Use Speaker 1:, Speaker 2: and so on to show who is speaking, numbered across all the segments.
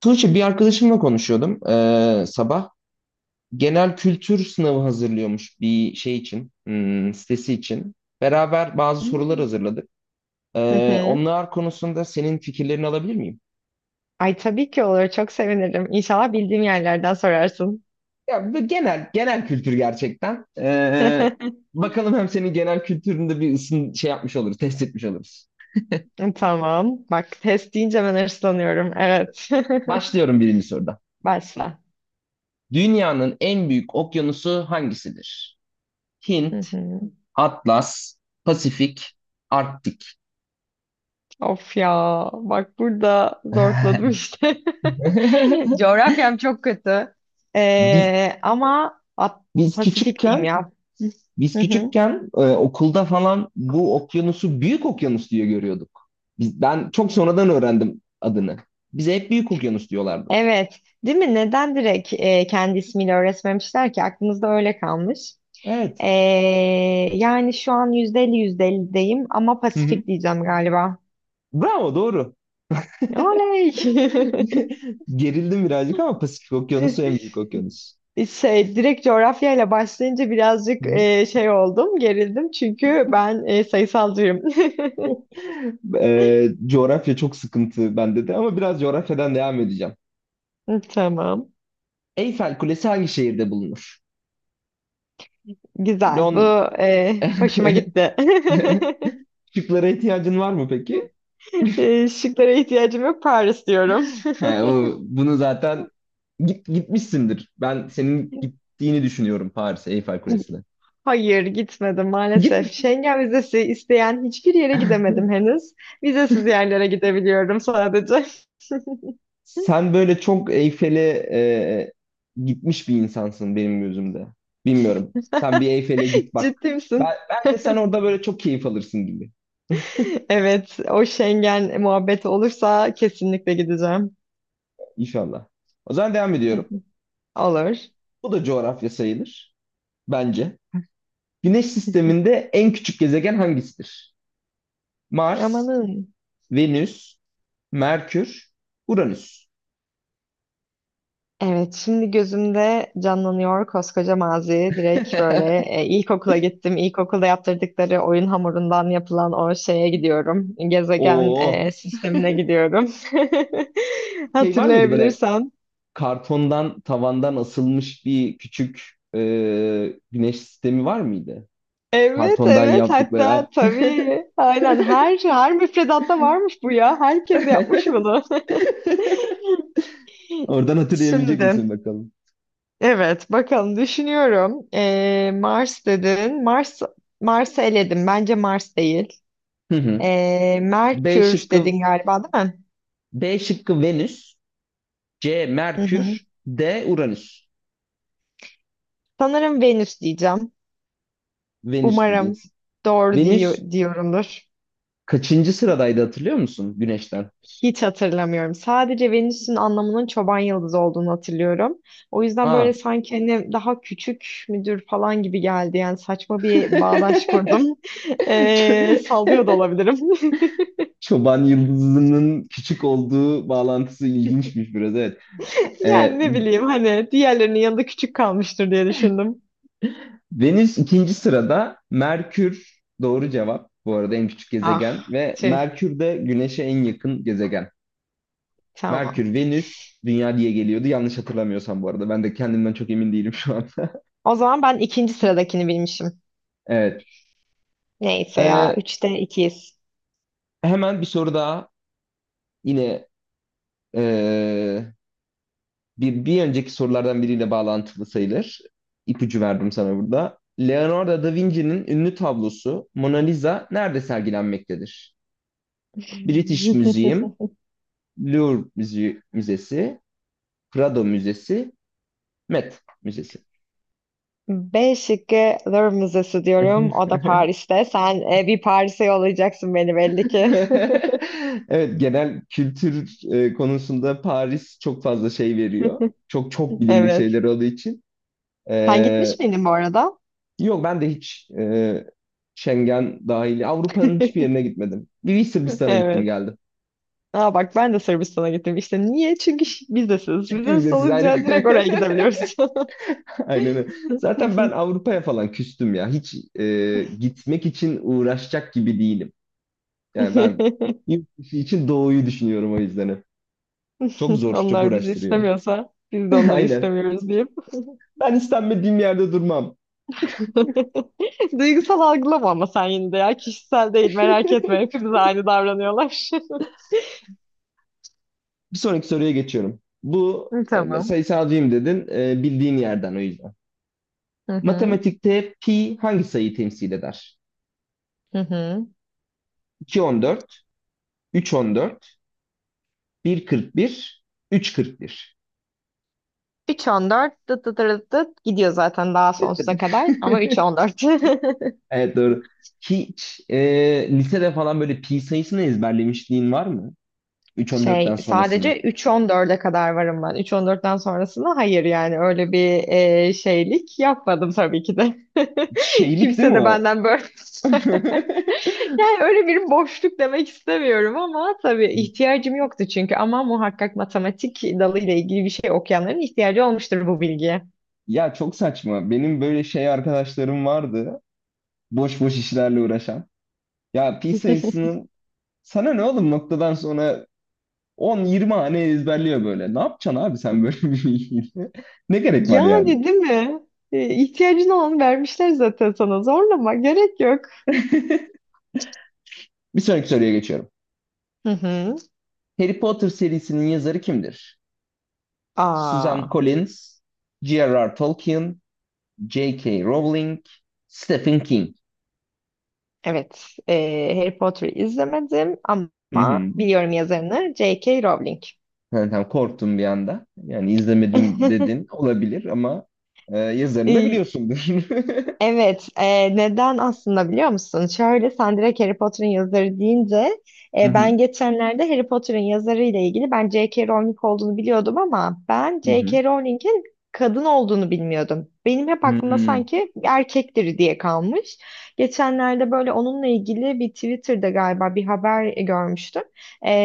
Speaker 1: Tuğçe bir arkadaşımla konuşuyordum, sabah. Genel kültür sınavı hazırlıyormuş bir şey için, hmm, sitesi için. Beraber bazı sorular
Speaker 2: Hmm.
Speaker 1: hazırladık.
Speaker 2: Hı hı.
Speaker 1: Onlar konusunda senin fikirlerini alabilir miyim?
Speaker 2: Ay tabii ki olur. Çok sevinirim. İnşallah bildiğim yerlerden sorarsın.
Speaker 1: Ya bu genel kültür gerçekten. Bakalım hem senin genel kültüründe bir ısın şey yapmış oluruz, test etmiş oluruz.
Speaker 2: Tamam. Bak test deyince ben hırslanıyorum. Evet.
Speaker 1: Başlıyorum birinci soruda.
Speaker 2: Başla.
Speaker 1: Dünyanın en büyük okyanusu hangisidir?
Speaker 2: Hı
Speaker 1: Hint,
Speaker 2: hı.
Speaker 1: Atlas, Pasifik, Arktik.
Speaker 2: Of ya. Bak burada zorladım işte. Coğrafyam çok kötü.
Speaker 1: Biz
Speaker 2: Ama
Speaker 1: biz
Speaker 2: Pasifik diyeyim
Speaker 1: küçükken
Speaker 2: ya. Hı hı.
Speaker 1: okulda falan bu okyanusu büyük okyanus diye görüyorduk. Biz, ben çok sonradan öğrendim adını. Bize hep büyük okyanus diyorlardı.
Speaker 2: Evet. Değil mi? Neden direkt kendi ismiyle öğretmemişler ki? Aklımızda öyle kalmış.
Speaker 1: Evet.
Speaker 2: Ee, yani şu an %50 %50'deyim ama
Speaker 1: Hı hı.
Speaker 2: Pasifik diyeceğim galiba.
Speaker 1: Bravo, doğru.
Speaker 2: Oley!
Speaker 1: Gerildim birazcık ama Pasifik Okyanusu en büyük okyanus.
Speaker 2: Şey, direkt coğrafyayla başlayınca
Speaker 1: Hı
Speaker 2: birazcık
Speaker 1: hı.
Speaker 2: şey oldum, gerildim çünkü ben sayısalcıyım.
Speaker 1: Coğrafya çok sıkıntı bende de, ama biraz coğrafyadan devam edeceğim.
Speaker 2: Hı, Tamam.
Speaker 1: Eyfel Kulesi hangi şehirde bulunur?
Speaker 2: Güzel. Bu
Speaker 1: Lon...
Speaker 2: hoşuma gitti.
Speaker 1: Şıklara ihtiyacın var mı peki?
Speaker 2: Şıklara ihtiyacım yok. Paris diyorum.
Speaker 1: He, o, bunu zaten gitmişsindir. Ben senin gittiğini düşünüyorum Paris'e, Eyfel Kulesi'ne.
Speaker 2: Hayır gitmedim maalesef.
Speaker 1: Git.
Speaker 2: Schengen vizesi isteyen hiçbir yere gidemedim henüz. Vizesiz yerlere gidebiliyorum sadece.
Speaker 1: Sen böyle çok Eyfel'e gitmiş bir insansın benim gözümde. Bilmiyorum. Sen bir Eyfel'e git bak.
Speaker 2: Ciddi misin?
Speaker 1: Bence sen orada böyle çok keyif alırsın gibi.
Speaker 2: Evet, o Schengen muhabbeti olursa kesinlikle gideceğim.
Speaker 1: İnşallah. O zaman devam ediyorum.
Speaker 2: Olur.
Speaker 1: Bu da coğrafya sayılır. Bence. Güneş sisteminde en küçük gezegen hangisidir? Mars,
Speaker 2: Amanın.
Speaker 1: Venüs, Merkür, Uranüs.
Speaker 2: Evet, şimdi gözümde canlanıyor koskoca mazi. Direkt böyle ilkokula gittim. İlkokulda yaptırdıkları oyun hamurundan yapılan o şeye gidiyorum. Gezegen
Speaker 1: Oo.
Speaker 2: sistemine gidiyorum.
Speaker 1: Şey var mıydı böyle,
Speaker 2: Hatırlayabilirsem.
Speaker 1: kartondan tavandan asılmış bir küçük güneş sistemi var mıydı?
Speaker 2: Evet,
Speaker 1: Kartondan
Speaker 2: evet.
Speaker 1: yaptıkları.
Speaker 2: Hatta tabii. Aynen her müfredatta varmış bu ya. Herkes yapmış bunu.
Speaker 1: Oradan hatırlayabilecek misin
Speaker 2: Şimdi.
Speaker 1: bakalım?
Speaker 2: Evet, bakalım düşünüyorum. Mars dedin. Mars'ı eledim. Bence Mars değil.
Speaker 1: Hı hı. B
Speaker 2: Merkür
Speaker 1: şıkkı
Speaker 2: dedin galiba, değil mi?
Speaker 1: B şıkkı Venüs, C
Speaker 2: Hı hı.
Speaker 1: Merkür, D Uranüs.
Speaker 2: Sanırım Venüs diyeceğim.
Speaker 1: Venüs
Speaker 2: Umarım
Speaker 1: diyeceksin.
Speaker 2: doğru
Speaker 1: Venüs
Speaker 2: diyorumdur.
Speaker 1: kaçıncı sıradaydı, hatırlıyor musun Güneş'ten?
Speaker 2: Hiç hatırlamıyorum. Sadece Venüs'ün anlamının çoban yıldızı olduğunu hatırlıyorum. O yüzden böyle
Speaker 1: Aa.
Speaker 2: sanki hani daha küçük müdür falan gibi geldi. Yani saçma bir bağdaş kurdum.
Speaker 1: Ço-
Speaker 2: Sallıyor da olabilirim.
Speaker 1: Çoban yıldızının küçük olduğu bağlantısı ilginçmiş biraz, evet.
Speaker 2: Yani
Speaker 1: Ee,
Speaker 2: ne bileyim hani diğerlerinin yanında küçük kalmıştır diye düşündüm.
Speaker 1: Venüs ikinci sırada. Merkür doğru cevap. Bu arada en küçük gezegen,
Speaker 2: Ah,
Speaker 1: ve
Speaker 2: tüh.
Speaker 1: Merkür de Güneş'e en yakın gezegen.
Speaker 2: Tamam.
Speaker 1: Merkür, Venüs, Dünya diye geliyordu. Yanlış hatırlamıyorsam bu arada. Ben de kendimden çok emin değilim şu an.
Speaker 2: O zaman ben ikinci sıradakini bilmişim.
Speaker 1: Evet.
Speaker 2: Neyse ya.
Speaker 1: Ee,
Speaker 2: Üçte ikiyiz.
Speaker 1: Hemen bir soru daha. Yine ee, bir önceki sorulardan biriyle bağlantılı sayılır. İpucu verdim sana burada. Leonardo da Vinci'nin ünlü tablosu Mona Lisa nerede sergilenmektedir? British Museum, Müzesi, Prado Müzesi, Met Müzesi.
Speaker 2: B şıkkı Louvre Müzesi diyorum. O da Paris'te. Sen bir Paris'e yollayacaksın beni belli ki.
Speaker 1: Evet, genel kültür konusunda Paris çok fazla şey veriyor. Çok çok bilindik
Speaker 2: Evet.
Speaker 1: şeyler olduğu için.
Speaker 2: Sen
Speaker 1: E,
Speaker 2: gitmiş miydin bu arada?
Speaker 1: Yok, ben de hiç, Schengen dahil Avrupa'nın hiçbir yerine gitmedim. Bir Sırbistan'a gittim
Speaker 2: Evet.
Speaker 1: geldim.
Speaker 2: Aa bak ben de Sırbistan'a gittim. İşte niye? Çünkü vizesiz.
Speaker 1: Çünkü
Speaker 2: Vizesiz
Speaker 1: vizesiz ayrı.
Speaker 2: olunca direkt oraya gidebiliyoruz.
Speaker 1: Aynen öyle. Zaten ben Avrupa'ya falan küstüm ya. Hiç gitmek için uğraşacak gibi değilim. Yani ben yurt dışı için doğuyu düşünüyorum o yüzden, hep. Çok zor, çok
Speaker 2: Onlar bizi
Speaker 1: uğraştırıyor.
Speaker 2: istemiyorsa biz de onları
Speaker 1: Aynen.
Speaker 2: istemiyoruz diyeyim.
Speaker 1: Ben istenmediğim yerde durmam.
Speaker 2: Duygusal algılama ama sen yine de ya. Kişisel değil merak etme. Hepimiz aynı davranıyorlar.
Speaker 1: Bir sonraki soruya geçiyorum. Bu,
Speaker 2: Hı, Tamam.
Speaker 1: sayısalcıyım dedin, bildiğin yerden o yüzden.
Speaker 2: Hı hı.
Speaker 1: Matematikte pi hangi sayıyı temsil eder?
Speaker 2: Hı hı.
Speaker 1: 2.14, 3.14, 1.41, 3.41.
Speaker 2: 3,14 dıt dıt dıt dıt gidiyor zaten daha sonsuza kadar ama 3,14.
Speaker 1: Evet, doğru. Hiç lisede falan böyle pi sayısını ezberlemişliğin var mı? 3.14'ten
Speaker 2: Şey
Speaker 1: sonrasını.
Speaker 2: sadece 3,14'e kadar varım ben. 3,14'ten sonrasında hayır yani öyle bir şeylik yapmadım tabii ki de.
Speaker 1: Şeylik değil mi
Speaker 2: Kimse de
Speaker 1: o?
Speaker 2: benden böyle Yani öyle bir boşluk demek istemiyorum ama tabii ihtiyacım yoktu çünkü ama muhakkak matematik dalıyla ilgili bir şey okuyanların ihtiyacı olmuştur bu bilgiye.
Speaker 1: Ya çok saçma. Benim böyle şey arkadaşlarım vardı, boş boş işlerle uğraşan. Ya pi sayısının sana ne oğlum, noktadan sonra 10-20 hane ezberliyor böyle. Ne yapacaksın abi sen böyle bir bilgiyle? Ne gerek var yani?
Speaker 2: Yani değil mi? İhtiyacın olanı vermişler zaten sana. Zorlama gerek yok.
Speaker 1: Bir sonraki soruya geçiyorum.
Speaker 2: Hı hı.
Speaker 1: Harry Potter serisinin yazarı kimdir? Susan
Speaker 2: Aa,
Speaker 1: Collins, J.R.R. Tolkien, J.K. Rowling, Stephen King.
Speaker 2: evet. Harry Potter'ı izlemedim
Speaker 1: Hı
Speaker 2: ama
Speaker 1: hı.
Speaker 2: biliyorum yazarını J.K. Rowling.
Speaker 1: Yani tam korktum bir anda. Yani izlemedim dedin, olabilir, ama yazarını da
Speaker 2: E,
Speaker 1: biliyorsundur.
Speaker 2: Evet, neden aslında biliyor musun? Şöyle sen direkt Harry Potter'ın yazarı deyince
Speaker 1: Hı hı.
Speaker 2: ben geçenlerde Harry Potter'ın yazarı ile ilgili ben J.K. Rowling olduğunu biliyordum ama ben
Speaker 1: Hı hı.
Speaker 2: J.K. Rowling'in kadın olduğunu bilmiyordum. Benim hep
Speaker 1: Hı
Speaker 2: aklımda
Speaker 1: hı.
Speaker 2: sanki erkektir diye kalmış. Geçenlerde böyle onunla ilgili bir Twitter'da galiba bir haber görmüştüm.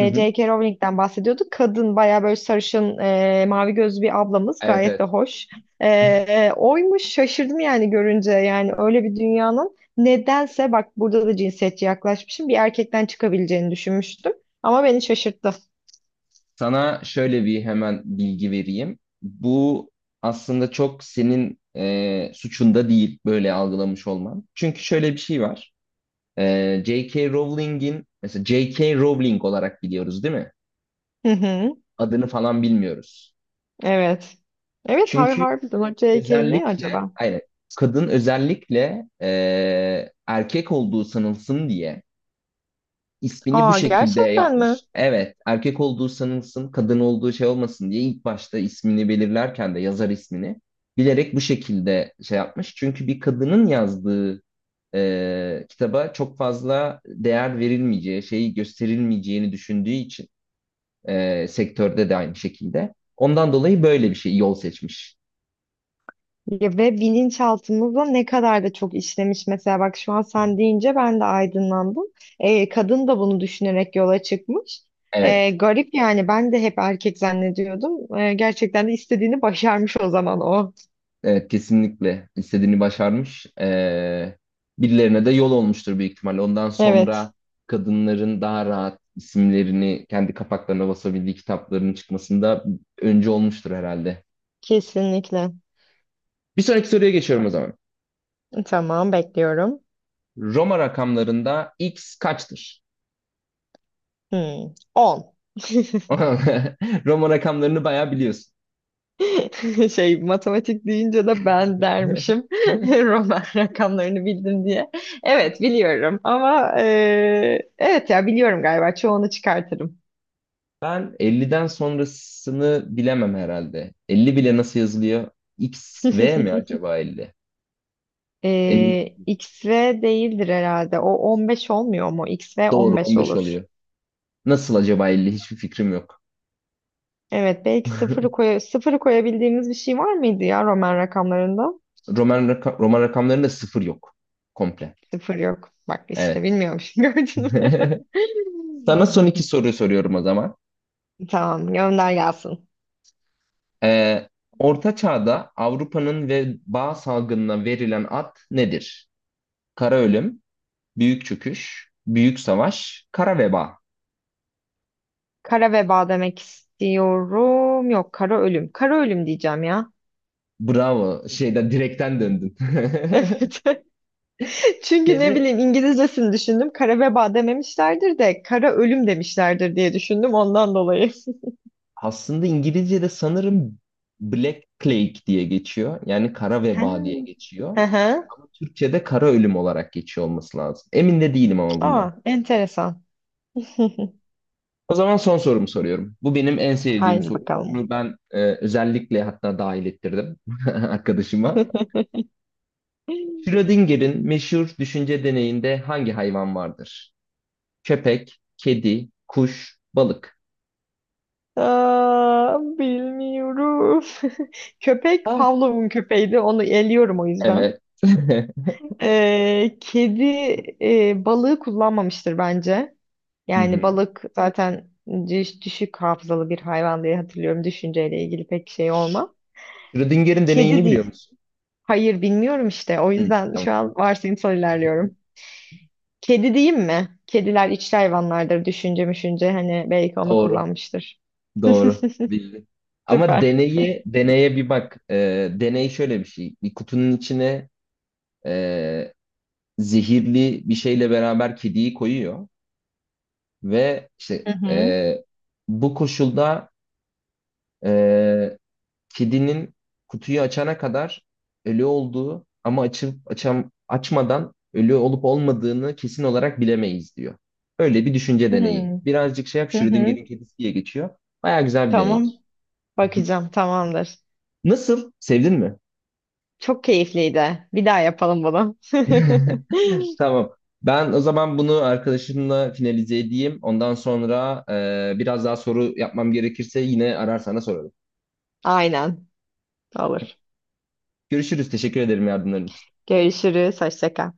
Speaker 1: Hı hı.
Speaker 2: J.K. Rowling'den bahsediyordu. Kadın bayağı böyle sarışın, mavi gözlü bir ablamız
Speaker 1: Evet,
Speaker 2: gayet de
Speaker 1: evet.
Speaker 2: hoş. Oymuş şaşırdım yani görünce yani öyle bir dünyanın nedense bak burada da cinsiyetçi yaklaşmışım bir erkekten çıkabileceğini düşünmüştüm ama beni şaşırttı.
Speaker 1: Sana şöyle bir hemen bilgi vereyim. Bu aslında çok senin suçunda değil böyle algılamış olman. Çünkü şöyle bir şey var. J.K. Rowling'in, mesela J.K. Rowling olarak biliyoruz değil mi?
Speaker 2: Hı hı,
Speaker 1: Adını falan bilmiyoruz.
Speaker 2: evet. Evet
Speaker 1: Çünkü
Speaker 2: harbiden o J.K. ne
Speaker 1: özellikle,
Speaker 2: acaba?
Speaker 1: aynen, kadın özellikle erkek olduğu sanılsın diye ismini bu
Speaker 2: Aa
Speaker 1: şekilde
Speaker 2: gerçekten mi?
Speaker 1: yapmış. Evet, erkek olduğu sanılsın, kadın olduğu şey olmasın diye ilk başta ismini belirlerken de yazar ismini bilerek bu şekilde şey yapmış. Çünkü bir kadının yazdığı kitaba çok fazla değer verilmeyeceği, şeyi gösterilmeyeceğini düşündüğü için, sektörde de aynı şekilde. Ondan dolayı böyle bir şey yol seçmiş.
Speaker 2: Ya ve bilinçaltımızda ne kadar da çok işlemiş mesela bak şu an sen deyince ben de aydınlandım. Kadın da bunu düşünerek yola çıkmış. Ee,
Speaker 1: Evet.
Speaker 2: garip yani ben de hep erkek zannediyordum. Gerçekten de istediğini başarmış o zaman o.
Speaker 1: Evet, kesinlikle istediğini başarmış. Birilerine de yol olmuştur büyük ihtimalle. Ondan
Speaker 2: Evet,
Speaker 1: sonra kadınların daha rahat isimlerini kendi kapaklarına basabildiği kitapların çıkmasında öncü olmuştur herhalde.
Speaker 2: kesinlikle.
Speaker 1: Bir sonraki soruya geçiyorum o zaman.
Speaker 2: Tamam bekliyorum.
Speaker 1: Roma rakamlarında x kaçtır?
Speaker 2: Hmm, 10.
Speaker 1: Roma rakamlarını bayağı biliyorsun.
Speaker 2: Şey matematik deyince de ben dermişim Roman rakamlarını bildim diye. Evet biliyorum ama evet ya biliyorum galiba çoğunu çıkartırım.
Speaker 1: Ben 50'den sonrasını bilemem herhalde. 50 bile nasıl yazılıyor? X, V mi acaba 50? Emin,
Speaker 2: 15 değildir herhalde. O 15 olmuyor mu? X XV
Speaker 1: doğru,
Speaker 2: 15
Speaker 1: 15
Speaker 2: olur.
Speaker 1: oluyor. Nasıl acaba 50? Hiçbir fikrim yok.
Speaker 2: Evet belki sıfırı koyabildiğimiz bir şey var mıydı ya Roman rakamlarında?
Speaker 1: Roman rakamlarında sıfır yok. Komple.
Speaker 2: Sıfır yok. Bak işte
Speaker 1: Evet.
Speaker 2: bilmiyormuşum gördün mü?
Speaker 1: Sana son iki soruyu soruyorum o zaman.
Speaker 2: Tamam gönder gelsin.
Speaker 1: Ee, Orta Çağ'da Avrupa'nın veba salgınına verilen ad nedir? Kara ölüm, büyük çöküş, büyük savaş, kara veba.
Speaker 2: Kara veba demek istiyorum. Yok kara ölüm. Kara ölüm diyeceğim ya.
Speaker 1: Bravo. Şeyden direkten döndün.
Speaker 2: Evet. Çünkü ne
Speaker 1: Şeyde
Speaker 2: bileyim İngilizcesini düşündüm. Kara veba dememişlerdir de kara ölüm demişlerdir diye düşündüm ondan dolayı.
Speaker 1: Aslında İngilizce'de sanırım Black Plague diye geçiyor. Yani kara
Speaker 2: Ha.
Speaker 1: veba diye geçiyor.
Speaker 2: Hı hı.
Speaker 1: Ama Türkçe'de kara ölüm olarak geçiyor olması lazım. Emin de değilim ama bundan.
Speaker 2: Aa, enteresan.
Speaker 1: O zaman son sorumu soruyorum. Bu benim en sevdiğim
Speaker 2: Haydi
Speaker 1: soru.
Speaker 2: bakalım.
Speaker 1: Bunu ben özellikle, hatta dahil ettirdim arkadaşıma. Schrödinger'in meşhur düşünce deneyinde hangi hayvan vardır? Köpek, kedi, kuş, balık.
Speaker 2: Aa, bilmiyorum. Köpek
Speaker 1: Ha,
Speaker 2: Pavlov'un köpeğiydi. Onu eliyorum o yüzden.
Speaker 1: evet.
Speaker 2: Kedi balığı kullanmamıştır bence.
Speaker 1: Hı
Speaker 2: Yani
Speaker 1: hı.
Speaker 2: balık zaten düşük hafızalı bir hayvan diye hatırlıyorum. Düşünceyle ilgili pek şey olmam.
Speaker 1: Schrödinger'in
Speaker 2: Kedi
Speaker 1: deneyini biliyor
Speaker 2: değil.
Speaker 1: musun?
Speaker 2: Hayır bilmiyorum işte. O
Speaker 1: Hı,
Speaker 2: yüzden
Speaker 1: tamam.
Speaker 2: şu an varsayımsal ilerliyorum. Kedi diyeyim mi? Kediler içli hayvanlardır. Düşünce müşünce hani belki onu
Speaker 1: Doğru.
Speaker 2: kullanmıştır.
Speaker 1: Doğru. Bildi. Ama
Speaker 2: Süper.
Speaker 1: deneye bir bak. Deney şöyle bir şey. Bir kutunun içine e, zehirli bir şeyle beraber kediyi koyuyor ve işte,
Speaker 2: Hı hı.
Speaker 1: bu koşulda, e, kedinin kutuyu açana kadar ölü olduğu, ama açmadan ölü olup olmadığını kesin olarak bilemeyiz diyor. Öyle bir düşünce deneyi.
Speaker 2: Hmm.
Speaker 1: Birazcık şey yap,
Speaker 2: Hı hı.
Speaker 1: Schrödinger'in kedisi diye geçiyor. Baya güzel bir
Speaker 2: Tamam.
Speaker 1: deneydir.
Speaker 2: Bakacağım. Tamamdır.
Speaker 1: Nasıl? Sevdin mi?
Speaker 2: Çok keyifliydi. Bir daha yapalım bunu.
Speaker 1: Tamam. Ben o zaman bunu arkadaşımla finalize edeyim. Ondan sonra biraz daha soru yapmam gerekirse yine arar sana sorarım.
Speaker 2: Aynen. Olur.
Speaker 1: Görüşürüz. Teşekkür ederim yardımların için.
Speaker 2: Görüşürüz. Hoşça kal.